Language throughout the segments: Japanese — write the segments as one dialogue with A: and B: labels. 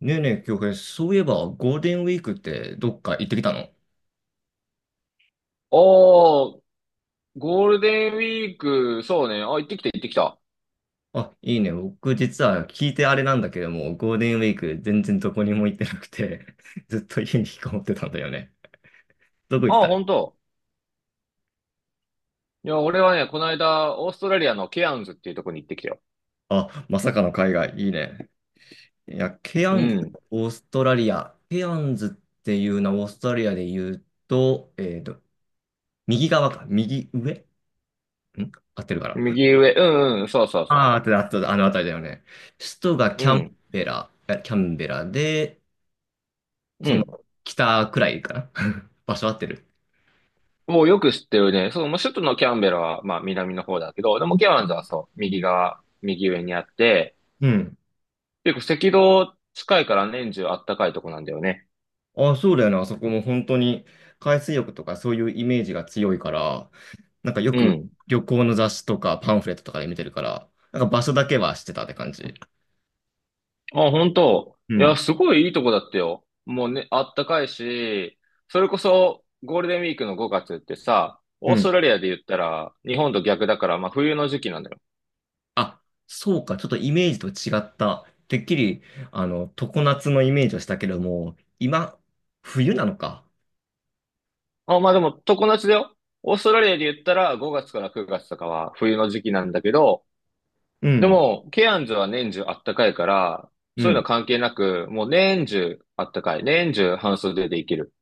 A: ねえねえ、京平、そういえばゴールデンウィークってどっか行ってきたの？
B: おー、ゴールデンウィーク、そうね。あ、行ってきた、行ってきた。
A: あ、いいね。僕実は聞いてあれなんだけども、ゴールデンウィーク全然どこにも行ってなくて ずっと家に引きこもってたんだよね。どこ行って
B: あ、
A: た？
B: 本当。いや、俺はね、この間、オーストラリアのケアンズっていうとこに行ってきたよ。
A: あ、まさかの海外、いいね。いや、ケア
B: う
A: ンズ、
B: ん。
A: オーストラリア。ケアンズっていうのはオーストラリアで言うと、右側か、右上合ってるかな？
B: 右上、うんうん、そうそう
A: あ あー、合
B: そ
A: ってる、合ってる、あの辺りだよね。首都が
B: う。う
A: キャン
B: ん、
A: ベラ、キャンベラで、
B: う
A: その、
B: ん。
A: 北くらいかな？ 場所合ってる？
B: もうよく知ってるね。そう、まあ首都のキャンベラは、まあ、南の方だけど、でもケアンズはそう、右側、右上にあって、
A: うん。
B: 結構赤道近いから年中あったかいとこなんだよね。
A: あ、そうだよね。あそこも本当に海水浴とかそういうイメージが強いから、なんかよ
B: う
A: く
B: ん。
A: 旅行の雑誌とかパンフレットとかで見てるから、なんか場所だけは知ってたって感じ。
B: あ、本当。
A: う
B: いや、
A: ん。
B: すごいいいとこだったよ。もうね、あったかいし、それこそゴールデンウィークの5月ってさ、
A: う
B: オースト
A: ん。
B: ラリアで言ったら日本と逆だから、まあ冬の時期なんだよ。
A: あ、そうか。ちょっとイメージと違った。てっきり、常夏のイメージをしたけども、今、冬なのか。
B: あ、まあでも常夏だよ。オーストラリアで言ったら5月から9月とかは冬の時期なんだけど、
A: う
B: で
A: ん。
B: も、ケアンズは年中あったかいから、
A: う
B: そういうの
A: ん。
B: 関係なく、もう年中あったかい。年中半袖でいける。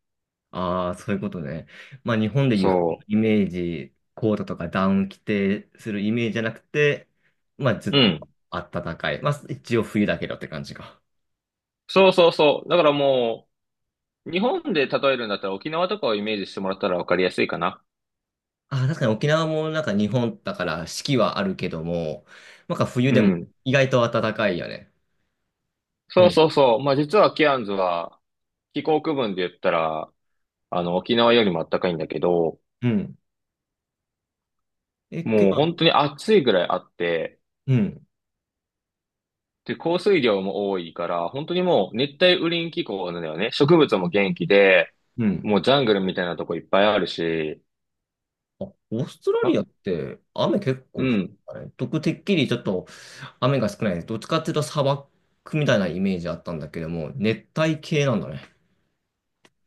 A: ああ、そういうことね。まあ、日本でいう服の
B: そ
A: イメージ、コートとかダウン着てするイメージじゃなくて、まあ、ずっ
B: う。うん。
A: と暖かい。まあ、一応冬だけどって感じか。
B: そうそうそう。だからもう、日本で例えるんだったら沖縄とかをイメージしてもらったらわかりやすいかな。
A: ああ、確かに沖縄もなんか日本だから四季はあるけども、なんか冬
B: う
A: でも
B: ん。
A: 意外と暖かいよね。う
B: そう
A: ん。
B: そうそう。まあ実はケアンズは気候区分で言ったら、あの沖縄よりも暖かいんだけど、
A: うん。え、けど。
B: もう本当に暑いぐらいあって、
A: うん。
B: で、降水量も多いから、本当にもう熱帯雨林気候なんだよね。植物も元気で、
A: うん。
B: もうジャングルみたいなとこいっぱいあるし、
A: あ、オーストラ
B: ま、
A: リアって雨結
B: う
A: 構降る
B: ん。
A: からね。僕、てっきりちょっと雨が少ない。どっちかっていうと砂漠みたいなイメージあったんだけども、熱帯系なんだね。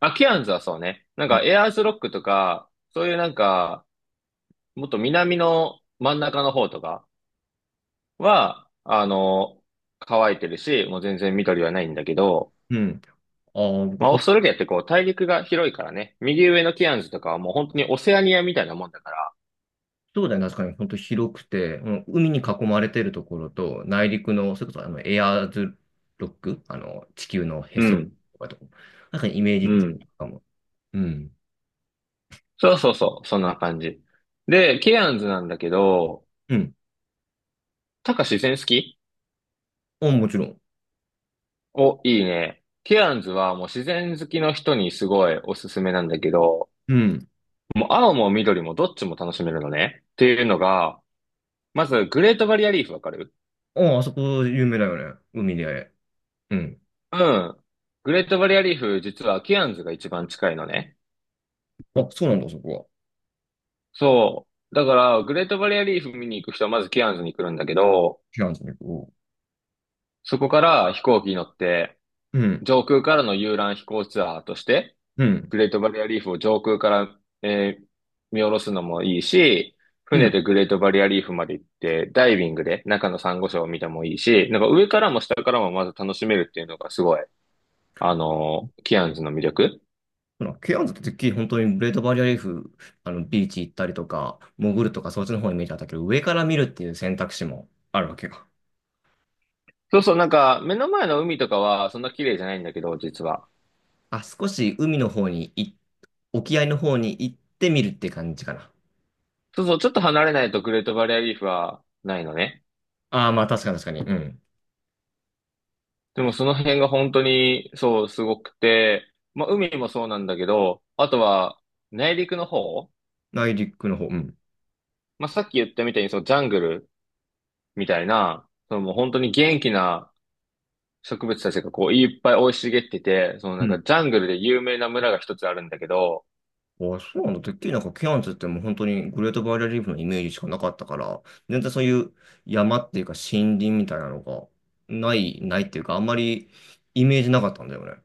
B: あ、ケアンズはそうね。なん
A: あ、
B: かエアーズロックとか、そういうなんか、もっと南の真ん中の方とか、は、乾いてるし、もう全然緑はないんだけど、
A: うん。あー、僕
B: まあ、オーストラリアってこう、大陸が広いからね、右上のケアンズとかはもう本当にオセアニアみたいなもんだから、
A: そうだよね。確かに、本当広くて、うん、海に囲まれてるところと、内陸の、それこそあのエアーズロック、あの、地球のへ
B: う
A: そ
B: ん、
A: とかと、なんかイメー
B: う
A: ジ
B: ん。
A: かも。うん。
B: そうそうそう、そんな感じ。で、ケアンズなんだけど、
A: うん。
B: タカ、自然好き？
A: あ、もちろん。
B: お、いいね。ケアンズはもう自然好きの人にすごいおすすめなんだけど、
A: うん。
B: もう青も緑もどっちも楽しめるのね。っていうのが、まずグレートバリアリーフわかる？
A: あ、あそこ有名だよね。海で。うん。
B: うん。グレートバリアリーフ、実はケアンズが一番近いのね。
A: あ、そうなんだ、そこは。
B: そう。だから、グレートバリアリーフ見に行く人はまずケアンズに来るんだけど、
A: ケアンズに行こ
B: そこから飛行機に乗って、
A: う。うん。
B: 上空からの遊覧飛行ツアーとして、
A: うん。
B: グレートバリアリーフを上空から、見下ろすのもいいし、
A: う
B: 船
A: ん。
B: でグレートバリアリーフまで行って、ダイビングで中のサンゴ礁を見てもいいし、なんか上からも下からもまず楽しめるっていうのがすごい、ケアンズの魅力。
A: ほら、ケアンズっててっきり本当にグレートバリアリーフ、ビーチ行ったりとか、潜るとか、そっちの方のイメージだったけど、上から見るっていう選択肢もあるわけよ。
B: そうそう、なんか、目の前の海とかは、そんな綺麗じゃないんだけど、実は。
A: あ、少し海の方に沖合の方に行ってみるって感じかな。
B: そうそう、ちょっと離れないとグレートバリアリーフはないのね。
A: ああ、まあ確かに確かに。うん。
B: でもその辺が本当に、そう、すごくて、まあ、海もそうなんだけど、あとは、内陸の方、
A: 内陸の方。うん。
B: まあ、さっき言ったみたいに、そう、ジャングルみたいな、そのもう本当に元気な植物たちがこう、いっぱい生い茂ってて、そのな
A: う
B: ん
A: ん。
B: か、ジャングルで有名な村が一つあるんだけど、
A: ああ、そうなんだ。てっきりなんかケアンズってもう本当にグレートバリアリーフのイメージしかなかったから、全然そういう山っていうか森林みたいなのがない、ないっていうか、あんまりイメージなかったんだよね。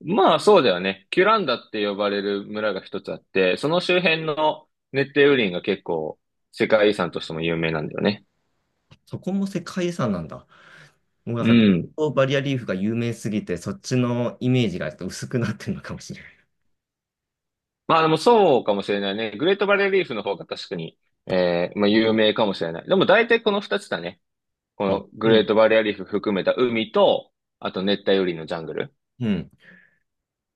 B: まあそうだよね。キュランダって呼ばれる村が一つあって、その周辺の熱帯雨林が結構世界遺産としても有名なんだよね。
A: そこも世界遺産なんだ。もうなん
B: う
A: かグレー
B: ん。
A: トバリアリーフが有名すぎて、そっちのイメージがちょっと薄くなってるのかもしれない。
B: まあでもそうかもしれないね。グレートバレーリーフの方が確かに、まあ有名かもしれない。でも大体この二つだね。こ
A: あ、
B: のグ
A: う
B: レー
A: ん。
B: トバレーリーフ含めた海と、あと熱帯雨林のジャングル
A: うん。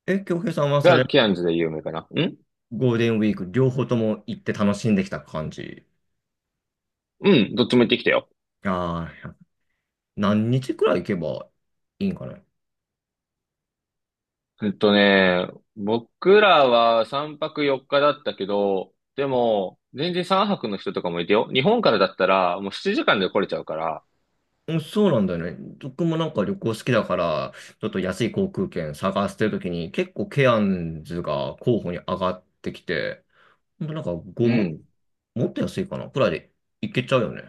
A: え、京平さんはそ
B: が
A: れ
B: キアンズで有名かな。ん、
A: ゴールデンウィーク両方とも行って楽しんできた感じ？
B: うん、どっちも行ってきたよ。
A: ああ、何日くらい行けばいいんかな。
B: えっとね、僕らは3泊4日だったけど、でも、全然3泊の人とかもいてよ。日本からだったら、もう7時間で来れちゃうから、
A: うん、そうなんだよね。僕もなんか旅行好きだから、ちょっと安い航空券探してるときに結構ケアンズが候補に上がってきて、ほんとなんか
B: う
A: 5万
B: ん。
A: もっと安いかなくらいで行けちゃうよね。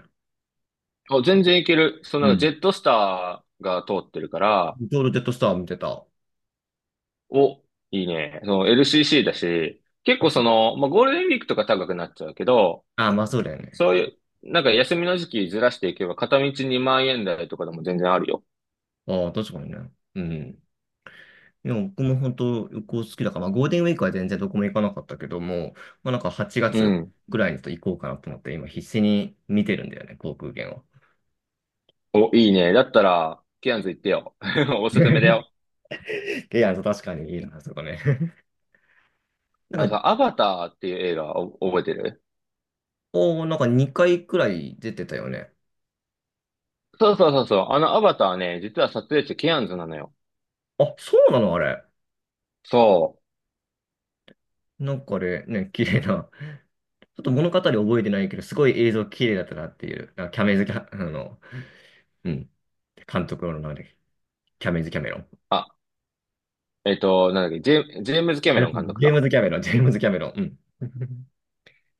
B: あ、全然いける。そ
A: う
B: のジ
A: ん。
B: ェットスターが通ってるから、
A: ちょうどジェットスター見てた。あ
B: お、いいね。その LCC だし、結構その、まあ、ゴールデンウィークとか高くなっちゃうけど、
A: あ、まあそうだよね。
B: そういう、なんか休みの時期ずらしていけば、片道2万円台とかでも全然あるよ。
A: ああ、確かにね。うん。いや、僕も本当旅行好きだから、まあ、ゴールデンウィークは全然どこも行かなかったけども、まあ、なんか8
B: う
A: 月
B: ん。
A: ぐらいにちょっと行こうかなと思って、今必死に見てるんだよね、航空券を。
B: お、いいね。だったら、ケアンズ行ってよ。おすすめだよ。
A: いや、確かにいいな、そこね。
B: あ
A: な
B: の
A: んか、
B: さ、アバターっていう映画を覚えてる？
A: おー、なんか2回くらい出てたよね。
B: そうそうそうそう。あのアバターね、実は撮影地ケアンズなのよ。
A: あ、そうなのあれ？
B: そう。
A: なんかあれ、ね、綺麗な。ちょっと物語覚えてないけど、すごい映像綺麗だったなっていう、なんかキャメズキャ、うん、監督の名前で、キャメズキャメロン。
B: あ、なんだっけ、ジェームズ・キャメ
A: あ
B: ロ
A: れ、
B: ン監督
A: ジェーム
B: か。
A: ズキャメロン、ジェームズキャメロン。うん。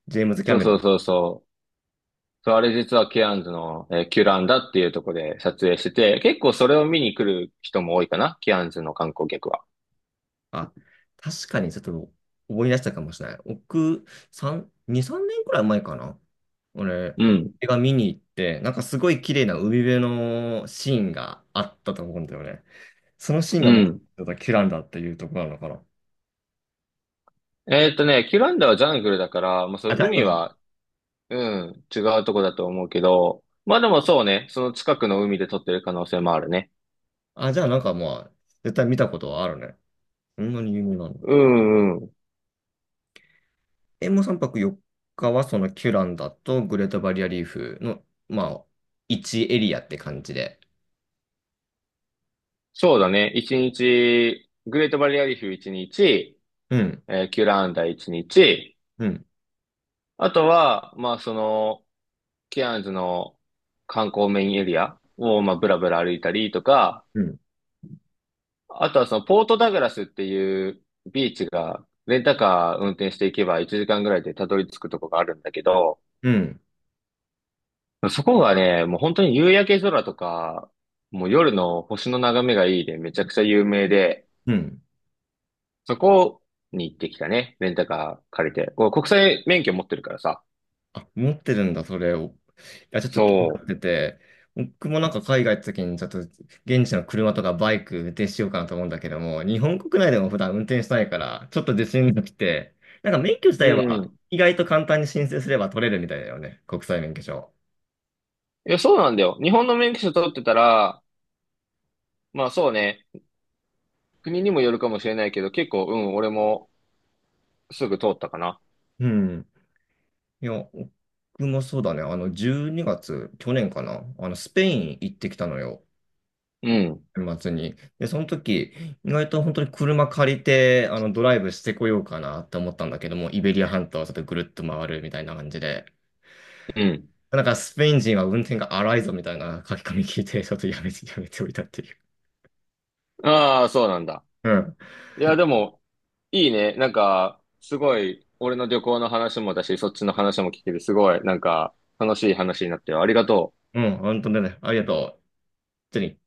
A: ジェームズ・キャ
B: そう
A: メロ
B: そう
A: ン。
B: そうそう。そう、あれ実はケアンズの、キュランダっていうとこで撮影してて、結構それを見に来る人も多いかな、ケアンズの観光客は。
A: あ、確かにちょっと思い出したかもしれない。僕、3、2、3年くらい前かな。俺、
B: うん。
A: 映画見に行って、なんかすごい綺麗な海辺のシーンがあったと思うんだよね。そのシーン
B: う
A: がも
B: ん。
A: う、キュランダっていうところなのかな。
B: キュランダはジャングルだから、まあ、そう、
A: あ、誰な
B: 海
A: の？
B: は、うん、違うとこだと思うけど、まあでもそうね、その近くの海で撮ってる可能性もあるね。
A: あ、じゃあなんかまあ、絶対見たことはあるね。そんなに有名なの？
B: うんうん。
A: え、もう3泊4日はそのキュランダとグレートバリアリーフの、まあ、1エリアって感じで？
B: そうだね。一日、グレートバリアリーフ一日、
A: うん、
B: キュラーンダ一日、
A: うん、
B: あとは、まあその、ケアンズの観光メインエリアを、まあブラブラ歩いたりとか、
A: うん、
B: あとはそのポートダグラスっていうビーチが、レンタカー運転していけば1時間ぐらいでたどり着くとこがあるんだけど、
A: うん、
B: そこがね、もう本当に夕焼け空とか、もう夜の星の眺めがいいでめちゃくちゃ有名で、
A: うん。
B: そこに行ってきたね。レンタカー借りて。こう国際免許持ってるからさ。
A: あ、持ってるんだ、それを。いや、ちょっと気にな
B: そ
A: ってて、僕もなんか海外行った時に、ちょっと現地の車とかバイク運転しようかなと思うんだけども、日本国内でも普段運転してないから、ちょっと自信がきて、なんか免許自
B: う。
A: 体
B: うん。
A: は
B: い
A: 意外と簡単に申請すれば取れるみたいだよね、国際免許証。
B: や、そうなんだよ。日本の免許証取ってたら、まあそうね。国にもよるかもしれないけど、結構、うん、俺もすぐ通ったかな。
A: うん。いや、僕もそうだね、12月、去年かな、スペイン行ってきたのよ。
B: うん。
A: 年末に。で、その時、意外と本当に車借りて、ドライブしてこようかなって思ったんだけども、イベリア半島をちょっとぐるっと回るみたいな感じで、
B: うん。
A: なんかスペイン人は運転が荒いぞみたいな書き込み聞いて、ちょっとやめておいたっていう。
B: ああ、そうなんだ。
A: うん。
B: いや、でも、いいね。なんか、すごい、俺の旅行の話もだし、そっちの話も聞けて、すごい、なんか、楽しい話になってよ。ありがとう。
A: うん、本当だね。ありがとう。本当に